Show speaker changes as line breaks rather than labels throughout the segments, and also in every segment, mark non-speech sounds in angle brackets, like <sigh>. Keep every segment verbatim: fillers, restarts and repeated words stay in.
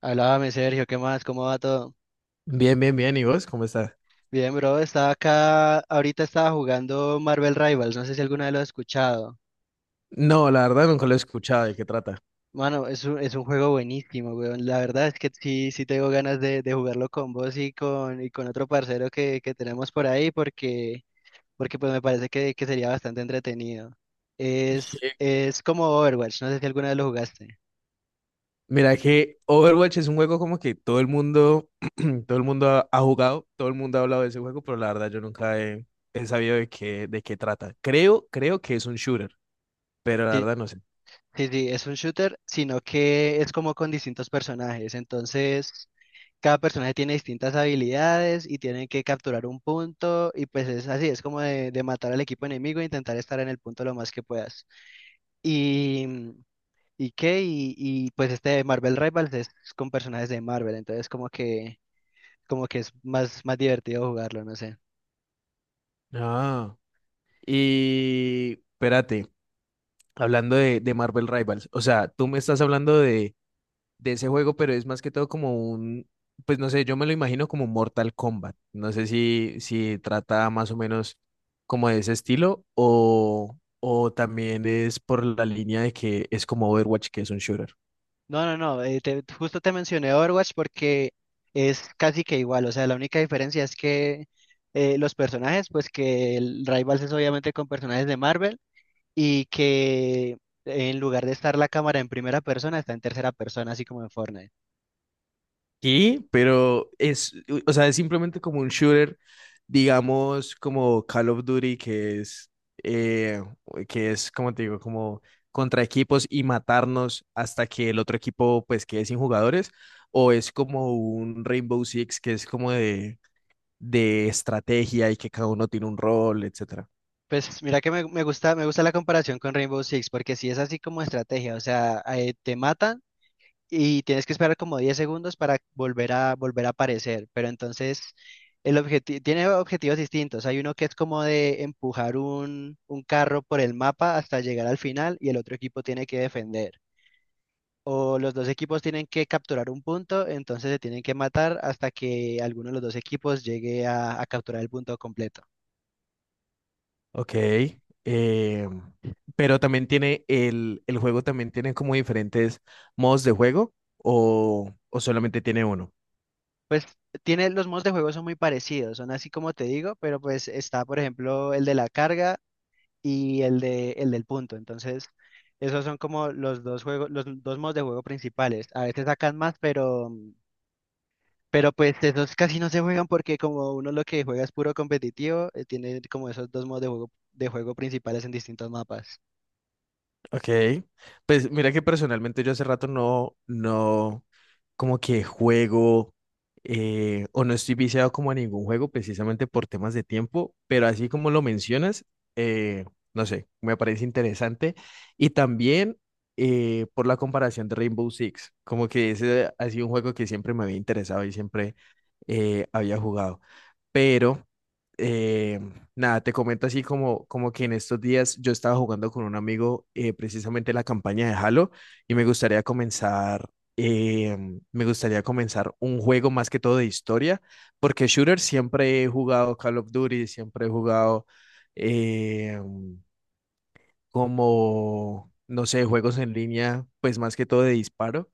Háblame, Sergio, ¿qué más? ¿Cómo va todo?
Bien, bien, bien. ¿Y vos cómo estás?
Bien, bro, estaba acá, ahorita estaba jugando Marvel Rivals, no sé si alguna vez lo has escuchado.
No, la verdad nunca lo he escuchado. ¿De qué trata?
Mano, es un, es un juego buenísimo, weón. La verdad es que sí, sí tengo ganas de, de jugarlo con vos y con, y con otro parcero que, que tenemos por ahí porque, porque pues me parece que, que sería bastante entretenido.
Sí.
Es, es como Overwatch, no sé si alguna vez lo jugaste.
Mira que Overwatch es un juego como que todo el mundo, <clears throat> todo el mundo ha, ha jugado, todo el mundo ha hablado de ese juego, pero la verdad yo nunca he, he sabido de qué, de qué trata. Creo, creo que es un shooter, pero la
Sí,
verdad no sé.
sí, sí, es un shooter, sino que es como con distintos personajes, entonces. Cada personaje tiene distintas habilidades y tienen que capturar un punto y pues es así, es como de, de matar al equipo enemigo e intentar estar en el punto lo más que puedas. Y, mm, y qué, y, y, pues este Marvel Rivals es con personajes de Marvel, entonces como que, como que es más, más divertido jugarlo, no sé.
Ah. Y espérate, hablando de, de Marvel Rivals, o sea, tú me estás hablando de de ese juego, pero es más que todo como un, pues no sé, yo me lo imagino como Mortal Kombat. No sé si, si trata más o menos como de ese estilo o, o también es por la línea de que es como Overwatch, que es un shooter.
No, no, no, eh, te- justo te mencioné Overwatch porque es casi que igual, o sea, la única diferencia es que eh, los personajes, pues que el Rivals es obviamente con personajes de Marvel y que en lugar de estar la cámara en primera persona, está en tercera persona, así como en Fortnite.
Sí, pero es, o sea, es simplemente como un shooter, digamos, como Call of Duty, que es, eh, que es, como te digo, como contra equipos y matarnos hasta que el otro equipo, pues, quede sin jugadores, o es como un Rainbow Six, que es como de, de estrategia y que cada uno tiene un rol, etcétera.
Pues mira que me, me gusta, me gusta la comparación con Rainbow Six, porque si es así como estrategia, o sea, eh, te matan y tienes que esperar como diez segundos para volver a, volver a aparecer, pero entonces el objetivo, tiene objetivos distintos. Hay uno que es como de empujar un, un carro por el mapa hasta llegar al final y el otro equipo tiene que defender, o los dos equipos tienen que capturar un punto, entonces se tienen que matar hasta que alguno de los dos equipos llegue a, a capturar el punto completo.
Ok, eh, pero también tiene, el, el juego también tiene como diferentes modos de juego, o, o solamente tiene uno.
Pues tiene, los modos de juego son muy parecidos, son así como te digo, pero pues está, por ejemplo, el de la carga y el de, el del punto. Entonces, esos son como los dos juegos, los dos modos de juego principales. A veces sacan más, pero, pero pues esos casi no se juegan porque como uno lo que juega es puro competitivo, eh, tiene como esos dos modos de juego, de juego principales en distintos mapas.
Ok, pues mira que personalmente yo hace rato no, no, como que juego eh, o no estoy viciado como a ningún juego precisamente por temas de tiempo, pero así como lo mencionas, eh, no sé, me parece interesante y también eh, por la comparación de Rainbow Six, como que ese ha sido un juego que siempre me había interesado y siempre eh, había jugado pero eh, nada, te comento así como, como que en estos días yo estaba jugando con un amigo eh, precisamente la campaña de Halo y me gustaría comenzar, eh, me gustaría comenzar un juego más que todo de historia, porque shooter siempre he jugado Call of Duty, siempre he jugado eh, como, no sé, juegos en línea, pues más que todo de disparo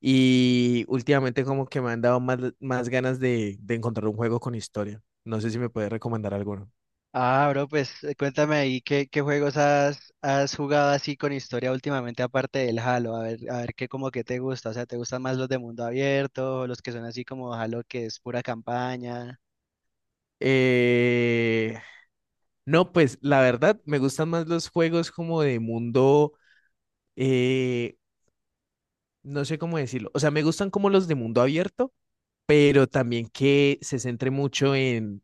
y últimamente como que me han dado más, más ganas de, de encontrar un juego con historia. No sé si me puedes recomendar alguno.
Ah, bro, pues eh, cuéntame ahí qué, qué juegos has, has jugado así con historia últimamente aparte del Halo, a ver, a ver qué como que te gusta, o sea, ¿te gustan más los de mundo abierto, o los que son así como Halo que es pura campaña?
Eh, no, pues la verdad me gustan más los juegos como de mundo, eh, no sé cómo decirlo. O sea, me gustan como los de mundo abierto pero también que se centre mucho en,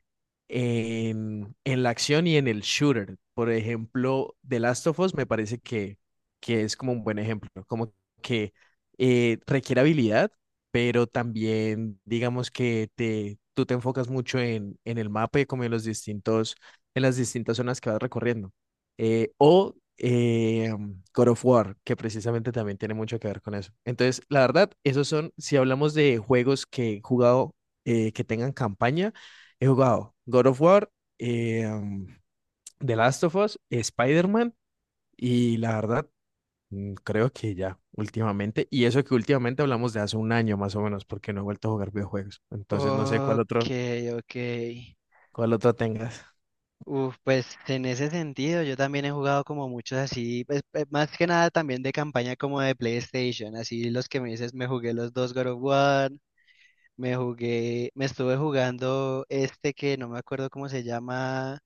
en, en la acción y en el shooter. Por ejemplo, The Last of Us me parece que, que es como un buen ejemplo, ¿no? Como que eh, requiere habilidad, pero también digamos que te, tú te enfocas mucho en, en el mapa y como en los distintos, en las distintas zonas que vas recorriendo eh, o eh, God of War, que precisamente también tiene mucho que ver con eso. Entonces, la verdad, esos son, si hablamos de juegos que he jugado, eh, que tengan campaña, he jugado God of War, eh, The Last of Us, Spider-Man y la verdad, mm, creo que ya últimamente, y eso que últimamente hablamos de hace un año más o menos, porque no he vuelto a jugar videojuegos. Entonces, no sé cuál
Ok,
otro,
ok.
cuál otro tengas.
Uf, pues en ese sentido yo también he jugado como muchos así, pues, eh, más que nada también de campaña como de PlayStation, así los que me dices, me jugué los dos God of War, me jugué, me estuve jugando este que no me acuerdo cómo se llama.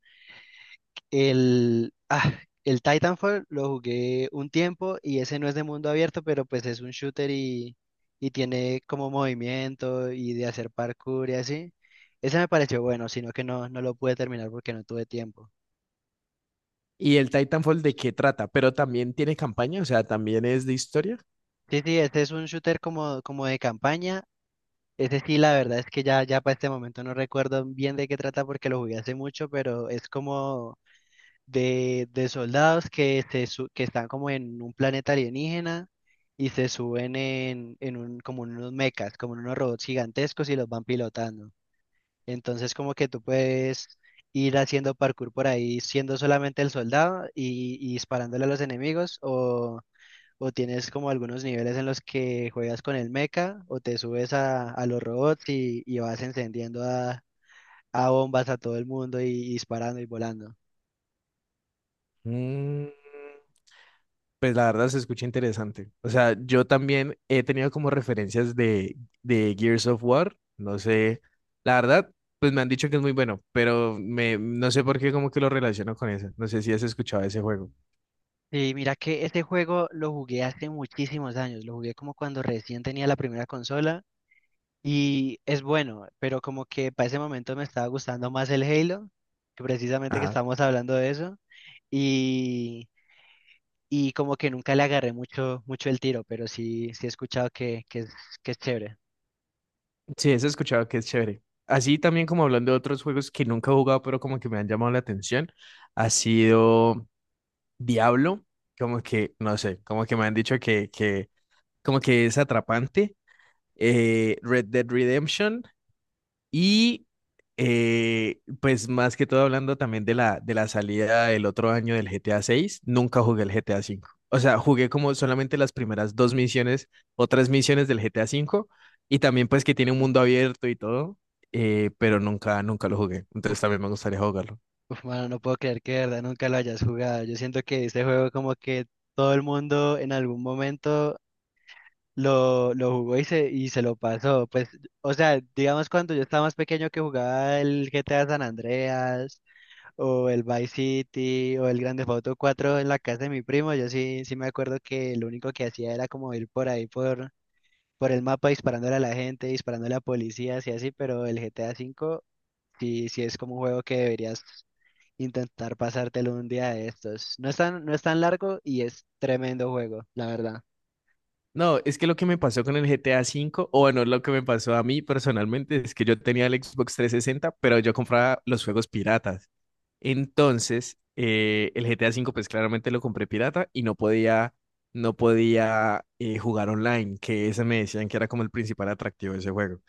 El, ah, el Titanfall lo jugué un tiempo y ese no es de mundo abierto, pero pues es un shooter y, y tiene como movimiento y de hacer parkour y así. Ese me pareció bueno, sino que no, no lo pude terminar porque no tuve tiempo.
¿Y el Titanfall de qué trata? Pero también tiene campaña, o sea, también es de historia.
Sí, sí, este es un shooter como, como de campaña. Ese sí, la verdad es que ya, ya para este momento no recuerdo bien de qué trata porque lo jugué hace mucho, pero es como de, de soldados que, se su- que están como en un planeta alienígena y se suben en, en un, como en unos mechas, como en unos robots gigantescos y los van pilotando. Entonces como que tú puedes ir haciendo parkour por ahí siendo solamente el soldado y, y disparándole a los enemigos o, o tienes como algunos niveles en los que juegas con el mecha o te subes a, a los robots y, y vas encendiendo a, a bombas a todo el mundo y y disparando y volando.
Mm, pues la verdad se escucha interesante. O sea, yo también he tenido como referencias de, de Gears of War. No sé, la verdad, pues me han dicho que es muy bueno, pero me, no sé por qué como que lo relaciono con eso. No sé si has escuchado ese juego.
Sí, mira que este juego lo jugué hace muchísimos años, lo jugué como cuando recién tenía la primera consola y es bueno, pero como que para ese momento me estaba gustando más el Halo, que precisamente que estábamos hablando de eso, y, y como que nunca le agarré mucho, mucho el tiro, pero sí, sí he escuchado que, que es, que es chévere.
Sí, eso he escuchado que es chévere. Así también como hablando de otros juegos que nunca he jugado, pero como que me han llamado la atención, ha sido Diablo, como que, no sé, como que me han dicho que, que como que es atrapante. Eh, Red Dead Redemption, y eh, pues más que todo hablando también de la, de la salida del otro año del G T A seis, nunca jugué el G T A cinco. O sea, jugué como solamente las primeras dos misiones o tres misiones del G T A cinco y también pues que tiene un mundo abierto y todo, eh, pero nunca, nunca lo jugué. Entonces
Uf,
también me gustaría jugarlo.
uf, mano, no puedo creer que de verdad nunca lo hayas jugado. Yo siento que este juego como que todo el mundo en algún momento lo, lo jugó y se, y se lo pasó. Pues, o sea, digamos cuando yo estaba más pequeño que jugaba el G T A San Andreas o el Vice City o el Grand Theft Auto cuatro en la casa de mi primo, yo sí, sí me acuerdo que lo único que hacía era como ir por ahí por, por el mapa disparándole a la gente, disparándole a policías y así, pero el G T A cinco sí, sí es como un juego que deberías intentar pasártelo un día de estos. No es tan, no es tan largo y es tremendo juego, la verdad.
No, es que lo que me pasó con el G T A cinco, o bueno, lo que me pasó a mí personalmente es que yo tenía el Xbox trescientos sesenta, pero yo compraba los juegos piratas. Entonces, eh, el G T A V, pues claramente lo compré pirata y no podía, no podía eh, jugar online, que ese me decían que era como el principal atractivo de ese juego.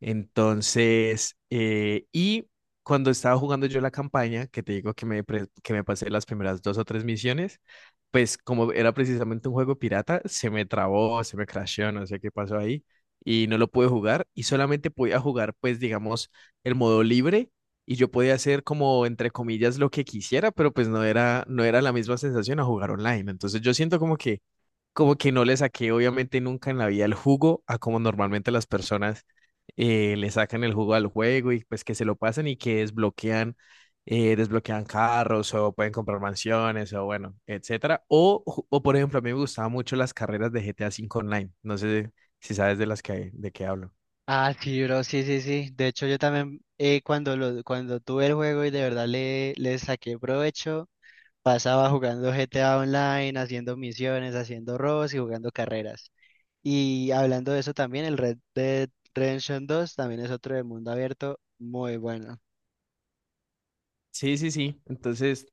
Entonces, eh, y cuando estaba jugando yo la campaña, que te digo que me, pre- que me pasé las primeras dos o tres misiones, pues como era precisamente un juego pirata, se me trabó, se me crasheó, no sé qué pasó ahí, y no lo pude jugar, y solamente podía jugar, pues digamos, el modo libre y yo podía hacer como, entre comillas, lo que quisiera, pero pues no era, no era la misma sensación a jugar online. Entonces yo siento como que, como que no le saqué obviamente nunca en la vida el jugo a como normalmente las personas eh, le sacan el jugo al juego y pues que se lo pasan y que desbloquean, eh, desbloquean carros o pueden comprar mansiones o bueno, etcétera. O, ju- o por ejemplo, a mí me gustaban mucho las carreras de G T A cinco Online. No sé si sabes de las que, de qué hablo.
Ah, sí, bro, sí, sí, sí. De hecho, yo también eh, cuando lo, cuando tuve el juego y de verdad le, le saqué provecho, pasaba jugando G T A Online, haciendo misiones, haciendo robos y jugando carreras. Y hablando de eso también, el Red Dead Redemption dos también es otro de mundo abierto muy bueno.
Sí, sí, sí. Entonces,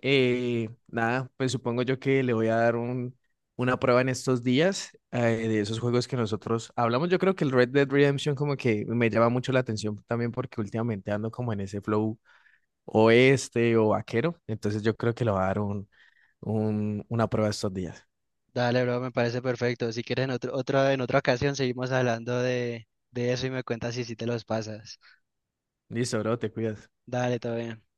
eh, nada, pues supongo yo que le voy a dar un, una prueba en estos días eh, de esos juegos que nosotros hablamos. Yo creo que el Red Dead Redemption como que me llama mucho la atención también porque últimamente ando como en ese flow oeste o vaquero. Entonces yo creo que le voy a dar un, un- una prueba estos días.
Dale, bro, me parece perfecto. Si quieres en otro, otra en otra ocasión seguimos hablando de, de eso y me cuentas si sí te los pasas.
Listo, bro, te cuidas.
Dale, todo bien.